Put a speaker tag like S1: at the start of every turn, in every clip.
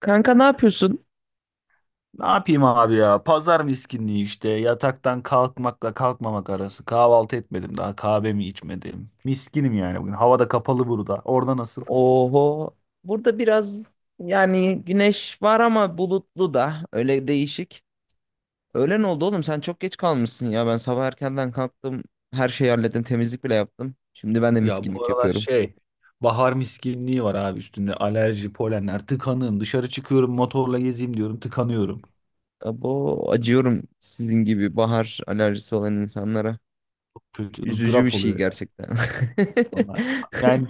S1: Kanka ne yapıyorsun?
S2: Ne yapayım abi ya? Pazar miskinliği işte. Yataktan kalkmakla kalkmamak arası. Kahvaltı etmedim daha. Kahvemi içmedim. Miskinim yani bugün. Havada kapalı burada. Orada nasıl?
S1: Oho. Burada biraz yani güneş var ama bulutlu da öyle değişik. Öğlen oldu oğlum sen çok geç kalmışsın ya. Ben sabah erkenden kalktım. Her şeyi hallettim. Temizlik bile yaptım. Şimdi ben de
S2: Ya bu
S1: miskinlik
S2: aralar
S1: yapıyorum.
S2: şey. Bahar miskinliği var abi üstünde. Alerji, polenler, tıkanığım. Dışarı çıkıyorum motorla gezeyim diyorum. Tıkanıyorum.
S1: Abo acıyorum sizin gibi bahar alerjisi olan insanlara.
S2: Kötü
S1: Üzücü bir
S2: ızdırap
S1: şey
S2: oluyor ya,
S1: gerçekten.
S2: vallahi. Yani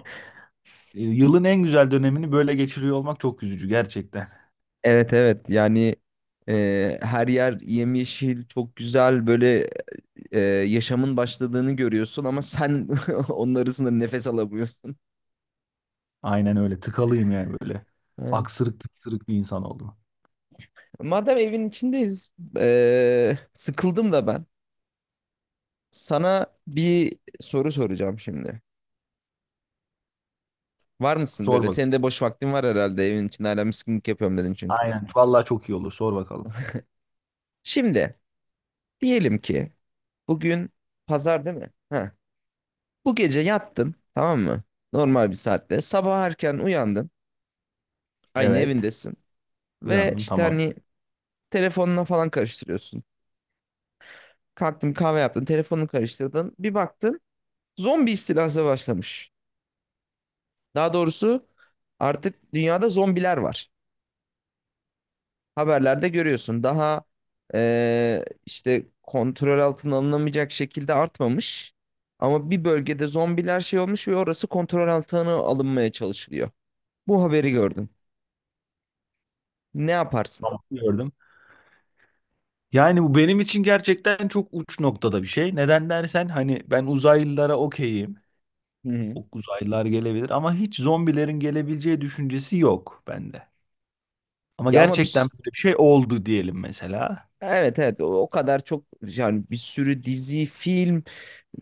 S2: yılın en güzel dönemini böyle geçiriyor olmak çok üzücü gerçekten.
S1: Evet evet yani her yer yemyeşil çok güzel böyle yaşamın başladığını görüyorsun ama sen onun arasında nefes alamıyorsun.
S2: Aynen öyle. Tıkalıyım yani böyle.
S1: Evet.
S2: Aksırık tıksırık bir insan oldum.
S1: Madem evin içindeyiz, sıkıldım da ben. Sana bir soru soracağım şimdi. Var mısın
S2: Sor
S1: böyle?
S2: bakalım.
S1: Senin de boş vaktin var herhalde evin içinde hala mıskınlık yapıyorum dedin çünkü.
S2: Aynen. Vallahi çok iyi olur. Sor bakalım.
S1: Şimdi diyelim ki bugün pazar değil mi? Ha. Bu gece yattın tamam mı? Normal bir saatte. Sabah erken uyandın. Aynı
S2: Evet.
S1: evindesin. Ve
S2: Uyandım.
S1: işte
S2: Tamam.
S1: hani telefonuna falan karıştırıyorsun. Kalktın kahve yaptın, telefonunu karıştırdın. Bir baktın zombi istilası başlamış. Daha doğrusu artık dünyada zombiler var. Haberlerde görüyorsun. Daha işte kontrol altına alınamayacak şekilde artmamış. Ama bir bölgede zombiler şey olmuş ve orası kontrol altına alınmaya çalışılıyor. Bu haberi gördüm. Ne yaparsın?
S2: Tamam. Gördüm. Yani bu benim için gerçekten çok uç noktada bir şey. Neden dersen hani ben uzaylılara okeyim.
S1: Hı hı.
S2: O uzaylılar gelebilir ama hiç zombilerin gelebileceği düşüncesi yok bende. Ama
S1: Ya ama biz
S2: gerçekten böyle bir şey oldu diyelim mesela.
S1: evet evet o kadar çok yani bir sürü dizi, film,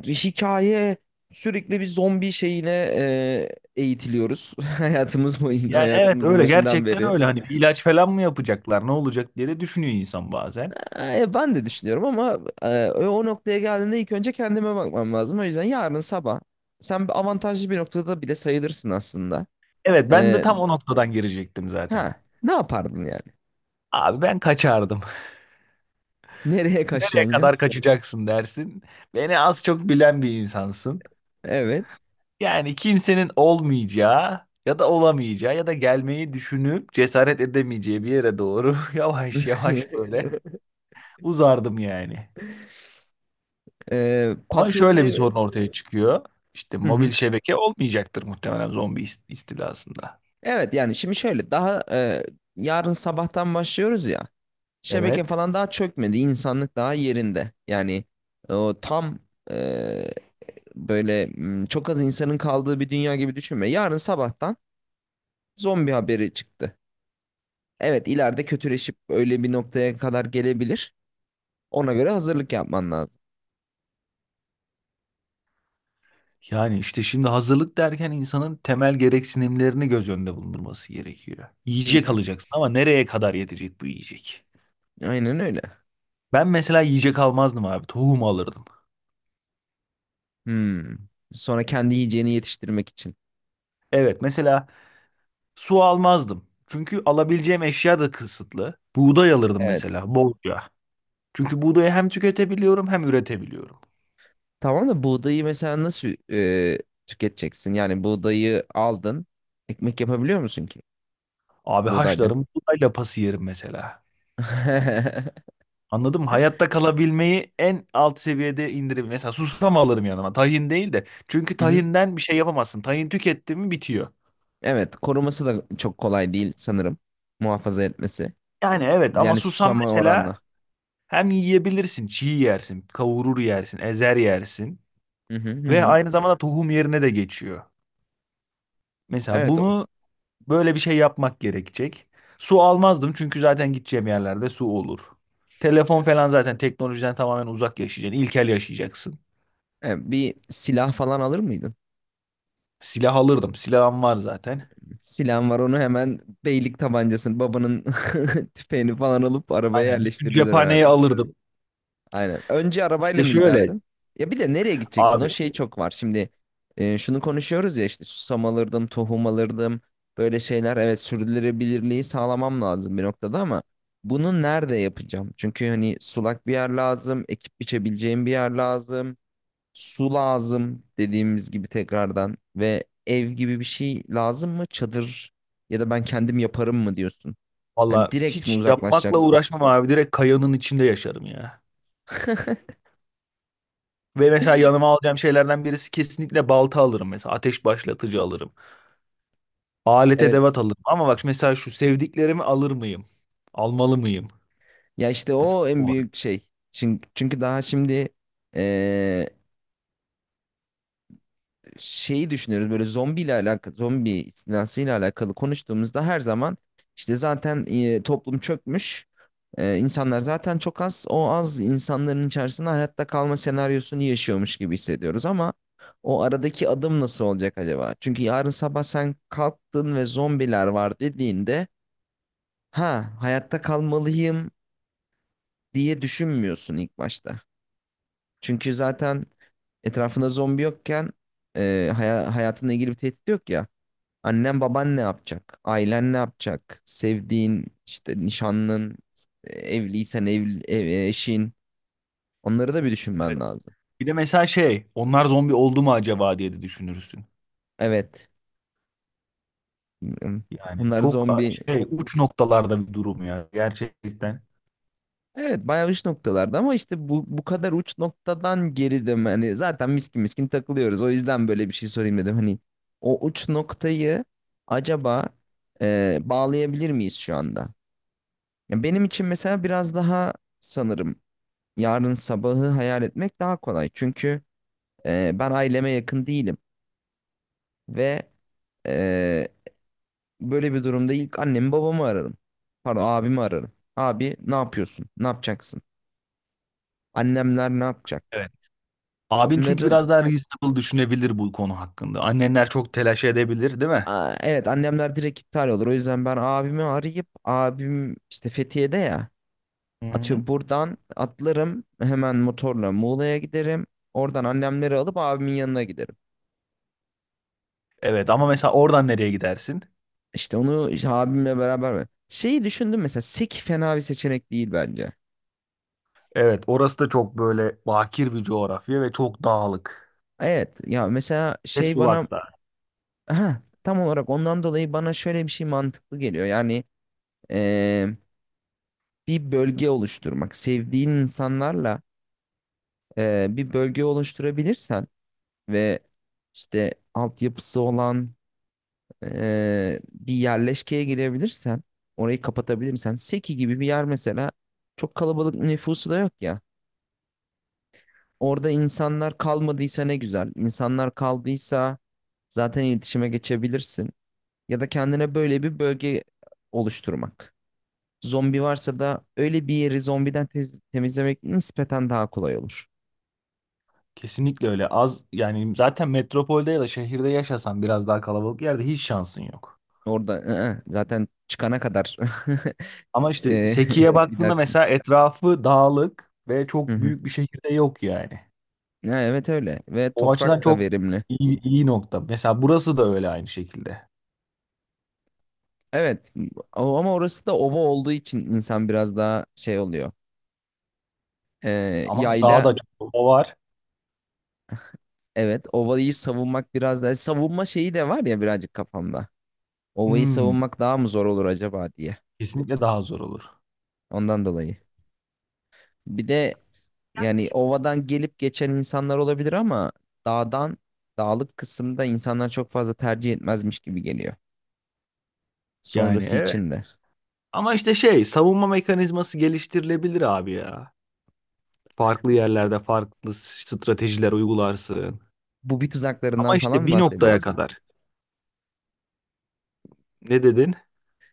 S1: hikaye, sürekli bir zombi şeyine e, eğitiliyoruz. Hayatımız boyunca,
S2: Yani evet
S1: hayatımızın
S2: öyle
S1: başından
S2: gerçekten
S1: beri.
S2: öyle, hani bir ilaç falan mı yapacaklar ne olacak diye de düşünüyor insan bazen.
S1: E, ben de düşünüyorum ama o noktaya geldiğinde ilk önce kendime bakmam lazım. O yüzden yarın sabah sen bir avantajlı bir noktada bile sayılırsın aslında.
S2: Evet ben de
S1: E,
S2: tam o noktadan girecektim zaten.
S1: ha, Ne yapardın yani?
S2: Abi ben kaçardım.
S1: Nereye
S2: Ne
S1: kaçacaksın ya?
S2: kadar kaçacaksın dersin. Beni az çok bilen bir insansın.
S1: Evet.
S2: Yani kimsenin olmayacağı ya da olamayacağı ya da gelmeyi düşünüp cesaret edemeyeceği bir yere doğru yavaş yavaş böyle uzardım yani.
S1: E,
S2: Ama
S1: patronun
S2: şöyle bir sorun
S1: evi.
S2: ortaya çıkıyor. İşte
S1: Hı
S2: mobil
S1: hı.
S2: şebeke olmayacaktır muhtemelen zombi istilasında.
S1: Evet yani şimdi şöyle daha yarın sabahtan başlıyoruz ya. Şebeke
S2: Evet.
S1: falan daha çökmedi. İnsanlık daha yerinde. Yani e, o tam e, böyle çok az insanın kaldığı bir dünya gibi düşünme. Yarın sabahtan zombi haberi çıktı. Evet ileride kötüleşip öyle bir noktaya kadar gelebilir. Ona göre hazırlık yapman lazım.
S2: Yani işte şimdi hazırlık derken insanın temel gereksinimlerini göz önünde bulundurması gerekiyor.
S1: Hı
S2: Yiyecek
S1: hı.
S2: alacaksın ama nereye kadar yetecek bu yiyecek?
S1: Aynen öyle.
S2: Ben mesela yiyecek almazdım abi. Tohum alırdım.
S1: Hmm. Sonra kendi yiyeceğini yetiştirmek için.
S2: Evet mesela su almazdım. Çünkü alabileceğim eşya da kısıtlı. Buğday alırdım
S1: Evet.
S2: mesela bolca. Çünkü buğdayı hem tüketebiliyorum hem üretebiliyorum.
S1: Tamam da buğdayı mesela nasıl tüketeceksin? Yani buğdayı aldın. Ekmek yapabiliyor musun ki
S2: Abi
S1: buğdayda?
S2: haşlarım, buğday lapası yerim mesela.
S1: Hı
S2: Anladım. Hayatta kalabilmeyi en alt seviyede indirebilir. Mesela susam alırım yanıma. Tahin değil de. Çünkü
S1: hı.
S2: tahinden bir şey yapamazsın. Tahin tüketti mi bitiyor.
S1: Evet, koruması da çok kolay değil sanırım. Muhafaza etmesi.
S2: Yani evet ama
S1: Yani
S2: susam
S1: susama
S2: mesela
S1: oranla.
S2: hem yiyebilirsin. Çiğ yersin. Kavurur yersin. Ezer yersin.
S1: Hı hı hı
S2: Ve
S1: hı.
S2: aynı zamanda tohum yerine de geçiyor. Mesela
S1: Evet o.
S2: bunu böyle bir şey yapmak gerekecek. Su almazdım çünkü zaten gideceğim yerlerde su olur. Telefon falan zaten, teknolojiden tamamen uzak yaşayacaksın. İlkel yaşayacaksın.
S1: Evet, bir silah falan alır mıydın?
S2: Silah alırdım. Silahım var zaten.
S1: Silahın var, onu hemen beylik tabancasını babanın tüfeğini falan alıp arabaya
S2: Aynen. Bütün
S1: yerleştirirdin
S2: cephaneyi
S1: herhalde.
S2: alırdım.
S1: Aynen. Önce arabayla
S2: İşte
S1: mı
S2: şöyle
S1: giderdin? Ya bir de nereye gideceksin? O
S2: abi
S1: şey çok var. Şimdi şunu konuşuyoruz ya, işte susam alırdım, tohum alırdım. Böyle şeyler, evet, sürdürülebilirliği sağlamam lazım bir noktada ama bunu nerede yapacağım? Çünkü hani sulak bir yer lazım, ekip biçebileceğim bir yer lazım, su lazım dediğimiz gibi tekrardan ve ev gibi bir şey lazım mı? Çadır ya da ben kendim yaparım mı diyorsun? Yani
S2: valla
S1: direkt mi
S2: hiç yapmakla
S1: uzaklaşacaksın?
S2: uğraşmam abi. Direkt kayanın içinde yaşarım ya. Ve mesela yanıma alacağım şeylerden birisi, kesinlikle balta alırım mesela. Ateş başlatıcı alırım. Alet
S1: Evet.
S2: edevat alırım. Ama bak mesela şu sevdiklerimi alır mıyım? Almalı mıyım?
S1: Ya işte
S2: Mesela
S1: o en
S2: bu var.
S1: büyük şey. Çünkü daha şimdi eee, şeyi düşünüyoruz böyle zombiyle alakalı, zombi istilasıyla alakalı konuştuğumuzda her zaman işte zaten toplum çökmüş. İnsanlar zaten çok az. O az insanların içerisinde hayatta kalma senaryosunu yaşıyormuş gibi hissediyoruz ama o aradaki adım nasıl olacak acaba? Çünkü yarın sabah sen kalktın ve zombiler var dediğinde ha hayatta kalmalıyım diye düşünmüyorsun ilk başta. Çünkü zaten etrafında zombi yokken hayatınla ilgili bir tehdit yok ya. Annen baban ne yapacak? Ailen ne yapacak? Sevdiğin işte nişanlın, evliysen evli, eşin. Onları da bir
S2: Evet.
S1: düşünmen lazım.
S2: Bir de mesela onlar zombi oldu mu acaba diye de düşünürsün.
S1: Evet.
S2: Yani
S1: Bunlar
S2: çok
S1: zombi.
S2: uç noktalarda bir durum ya gerçekten.
S1: Evet bayağı uç noktalarda ama işte bu kadar uç noktadan geridim. Hani zaten miskin miskin takılıyoruz. O yüzden böyle bir şey sorayım dedim. Hani o uç noktayı acaba bağlayabilir miyiz şu anda? Ya benim için mesela biraz daha sanırım yarın sabahı hayal etmek daha kolay. Çünkü ben aileme yakın değilim ve e, böyle bir durumda ilk annemi babamı ararım. Pardon, abimi ararım. Abi ne yapıyorsun? Ne yapacaksın? Annemler ne yapacak?
S2: Abin çünkü
S1: Onların...
S2: biraz daha reasonable düşünebilir bu konu hakkında. Annenler çok telaş edebilir, değil mi?
S1: Aa, evet annemler direkt iptal olur. O yüzden ben abimi arayıp, abim işte Fethiye'de ya,
S2: Hı-hı.
S1: atıyorum buradan atlarım hemen motorla Muğla'ya giderim. Oradan annemleri alıp abimin yanına giderim.
S2: Evet ama mesela oradan nereye gidersin?
S1: İşte onu, işte abimle beraber mi? Şeyi düşündüm mesela, Sek fena bir seçenek değil bence.
S2: Evet orası da çok böyle bakir bir coğrafya ve çok dağlık.
S1: Evet ya mesela
S2: Ve
S1: şey bana,
S2: sulakta.
S1: ha, tam olarak ondan dolayı bana şöyle bir şey mantıklı geliyor. Yani eee, bir bölge oluşturmak sevdiğin insanlarla, bir bölge oluşturabilirsen ve işte altyapısı olan bir yerleşkeye gidebilirsen, orayı kapatabilirsen, Seki gibi bir yer mesela, çok kalabalık nüfusu da yok ya. Orada insanlar kalmadıysa ne güzel. İnsanlar kaldıysa zaten iletişime geçebilirsin. Ya da kendine böyle bir bölge oluşturmak. Zombi varsa da öyle bir yeri temizlemek nispeten daha kolay olur.
S2: Kesinlikle öyle. Az yani, zaten metropolde ya da şehirde yaşasan biraz daha kalabalık yerde hiç şansın yok.
S1: Orada zaten çıkana kadar
S2: Ama işte
S1: e,
S2: Seki'ye evet, baktığında
S1: gidersin.
S2: mesela etrafı dağlık ve
S1: Hı
S2: çok
S1: hı.
S2: büyük bir şehirde yok yani.
S1: Ha, evet öyle ve
S2: O açıdan
S1: toprak da
S2: çok
S1: verimli.
S2: iyi nokta. Mesela burası da öyle aynı şekilde.
S1: Evet ama orası da ova olduğu için insan biraz daha şey oluyor. E,
S2: Ama daha
S1: yayla.
S2: da çok baba var.
S1: Evet, ovayı savunmak biraz da savunma şeyi de var ya birazcık kafamda. Ovayı
S2: Hmm,
S1: savunmak daha mı zor olur acaba diye.
S2: kesinlikle daha zor olur.
S1: Ondan dolayı. Bir de yani ovadan gelip geçen insanlar olabilir ama dağdan dağlık kısımda insanlar çok fazla tercih etmezmiş gibi geliyor.
S2: Yani
S1: Sonrası
S2: evet.
S1: için de.
S2: Ama işte savunma mekanizması geliştirilebilir abi ya. Farklı yerlerde farklı stratejiler uygularsın.
S1: Bu bir tuzaklarından
S2: Ama
S1: falan
S2: işte
S1: mı
S2: bir noktaya
S1: bahsediyorsun?
S2: kadar. Ne dedin?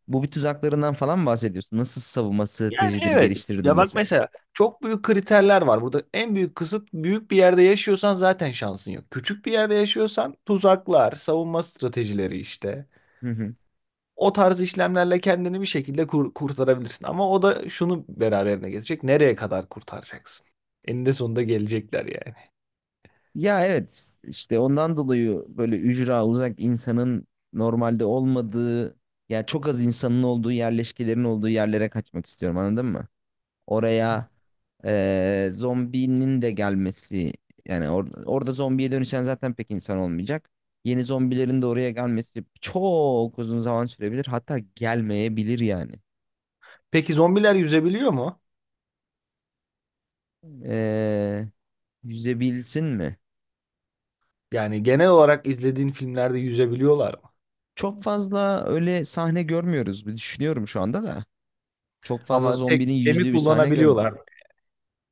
S1: Bu bir tuzaklarından falan mı bahsediyorsun? Nasıl savunma
S2: Yani
S1: stratejileri
S2: evet.
S1: geliştirdin
S2: Ya bak
S1: mesela?
S2: mesela çok büyük kriterler var. Burada en büyük kısıt, büyük bir yerde yaşıyorsan zaten şansın yok. Küçük bir yerde yaşıyorsan tuzaklar, savunma stratejileri işte. O tarz işlemlerle kendini bir şekilde kurtarabilirsin. Ama o da şunu beraberine getirecek. Nereye kadar kurtaracaksın? Eninde sonunda gelecekler yani.
S1: Ya evet işte ondan dolayı böyle ücra, uzak, insanın normalde olmadığı ya çok az insanın olduğu yerleşkelerin olduğu yerlere kaçmak istiyorum, anladın mı? Oraya zombinin de gelmesi, yani orada zombiye dönüşen zaten pek insan olmayacak. Yeni zombilerin de oraya gelmesi çok uzun zaman sürebilir, hatta gelmeyebilir yani.
S2: Peki zombiler yüzebiliyor mu?
S1: Eee Yüzebilsin mi?
S2: Yani genel olarak izlediğin filmlerde yüzebiliyorlar mı?
S1: Çok fazla öyle sahne görmüyoruz, bir düşünüyorum şu anda da. Çok fazla
S2: Ama tek
S1: zombinin
S2: gemi
S1: yüzdüğü bir sahne görmüyor.
S2: kullanabiliyorlar mı?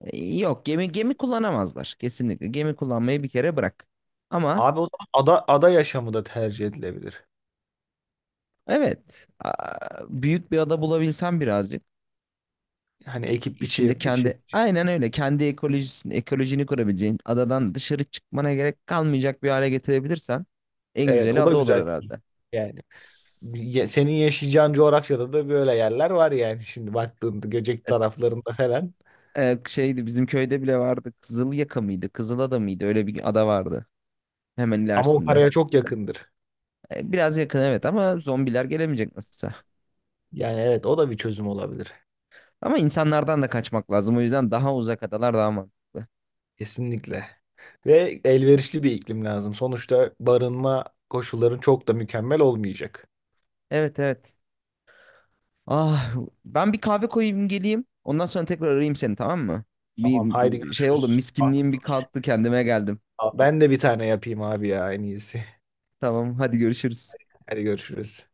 S1: Yok, gemi kullanamazlar kesinlikle. Gemi kullanmayı bir kere bırak. Ama
S2: Abi o zaman ada yaşamı da tercih edilebilir.
S1: evet, büyük bir ada bulabilsen, birazcık
S2: Hani
S1: içinde
S2: biçi.
S1: kendi, aynen öyle, kendi ekolojini kurabileceğin, adadan dışarı çıkmana gerek kalmayacak bir hale getirebilirsen, en
S2: Evet
S1: güzeli
S2: o da
S1: ada olur
S2: güzel
S1: herhalde.
S2: yani. Senin yaşayacağın coğrafyada da böyle yerler var yani, şimdi baktığında Göcek taraflarında falan.
S1: Şeydi, bizim köyde bile vardı. Kızılyaka mıydı? Kızılada mıydı? Öyle bir ada vardı. Hemen
S2: Ama o
S1: ilerisinde.
S2: paraya çok yakındır.
S1: Biraz yakın evet ama zombiler gelemeyecek nasılsa.
S2: Yani evet o da bir çözüm olabilir.
S1: Ama insanlardan da kaçmak lazım. O yüzden daha uzak adalar daha mantıklı.
S2: Kesinlikle. Ve elverişli bir iklim lazım. Sonuçta barınma koşulların çok da mükemmel olmayacak.
S1: Evet evet. Ah, ben bir kahve koyayım geleyim. Ondan sonra tekrar arayayım seni, tamam mı? Bir
S2: Tamam haydi
S1: bir şey oldu.
S2: görüşürüz.
S1: Miskinliğim bir kalktı, kendime geldim.
S2: Ben de bir tane yapayım abi ya, en iyisi.
S1: Tamam hadi görüşürüz.
S2: Hadi görüşürüz.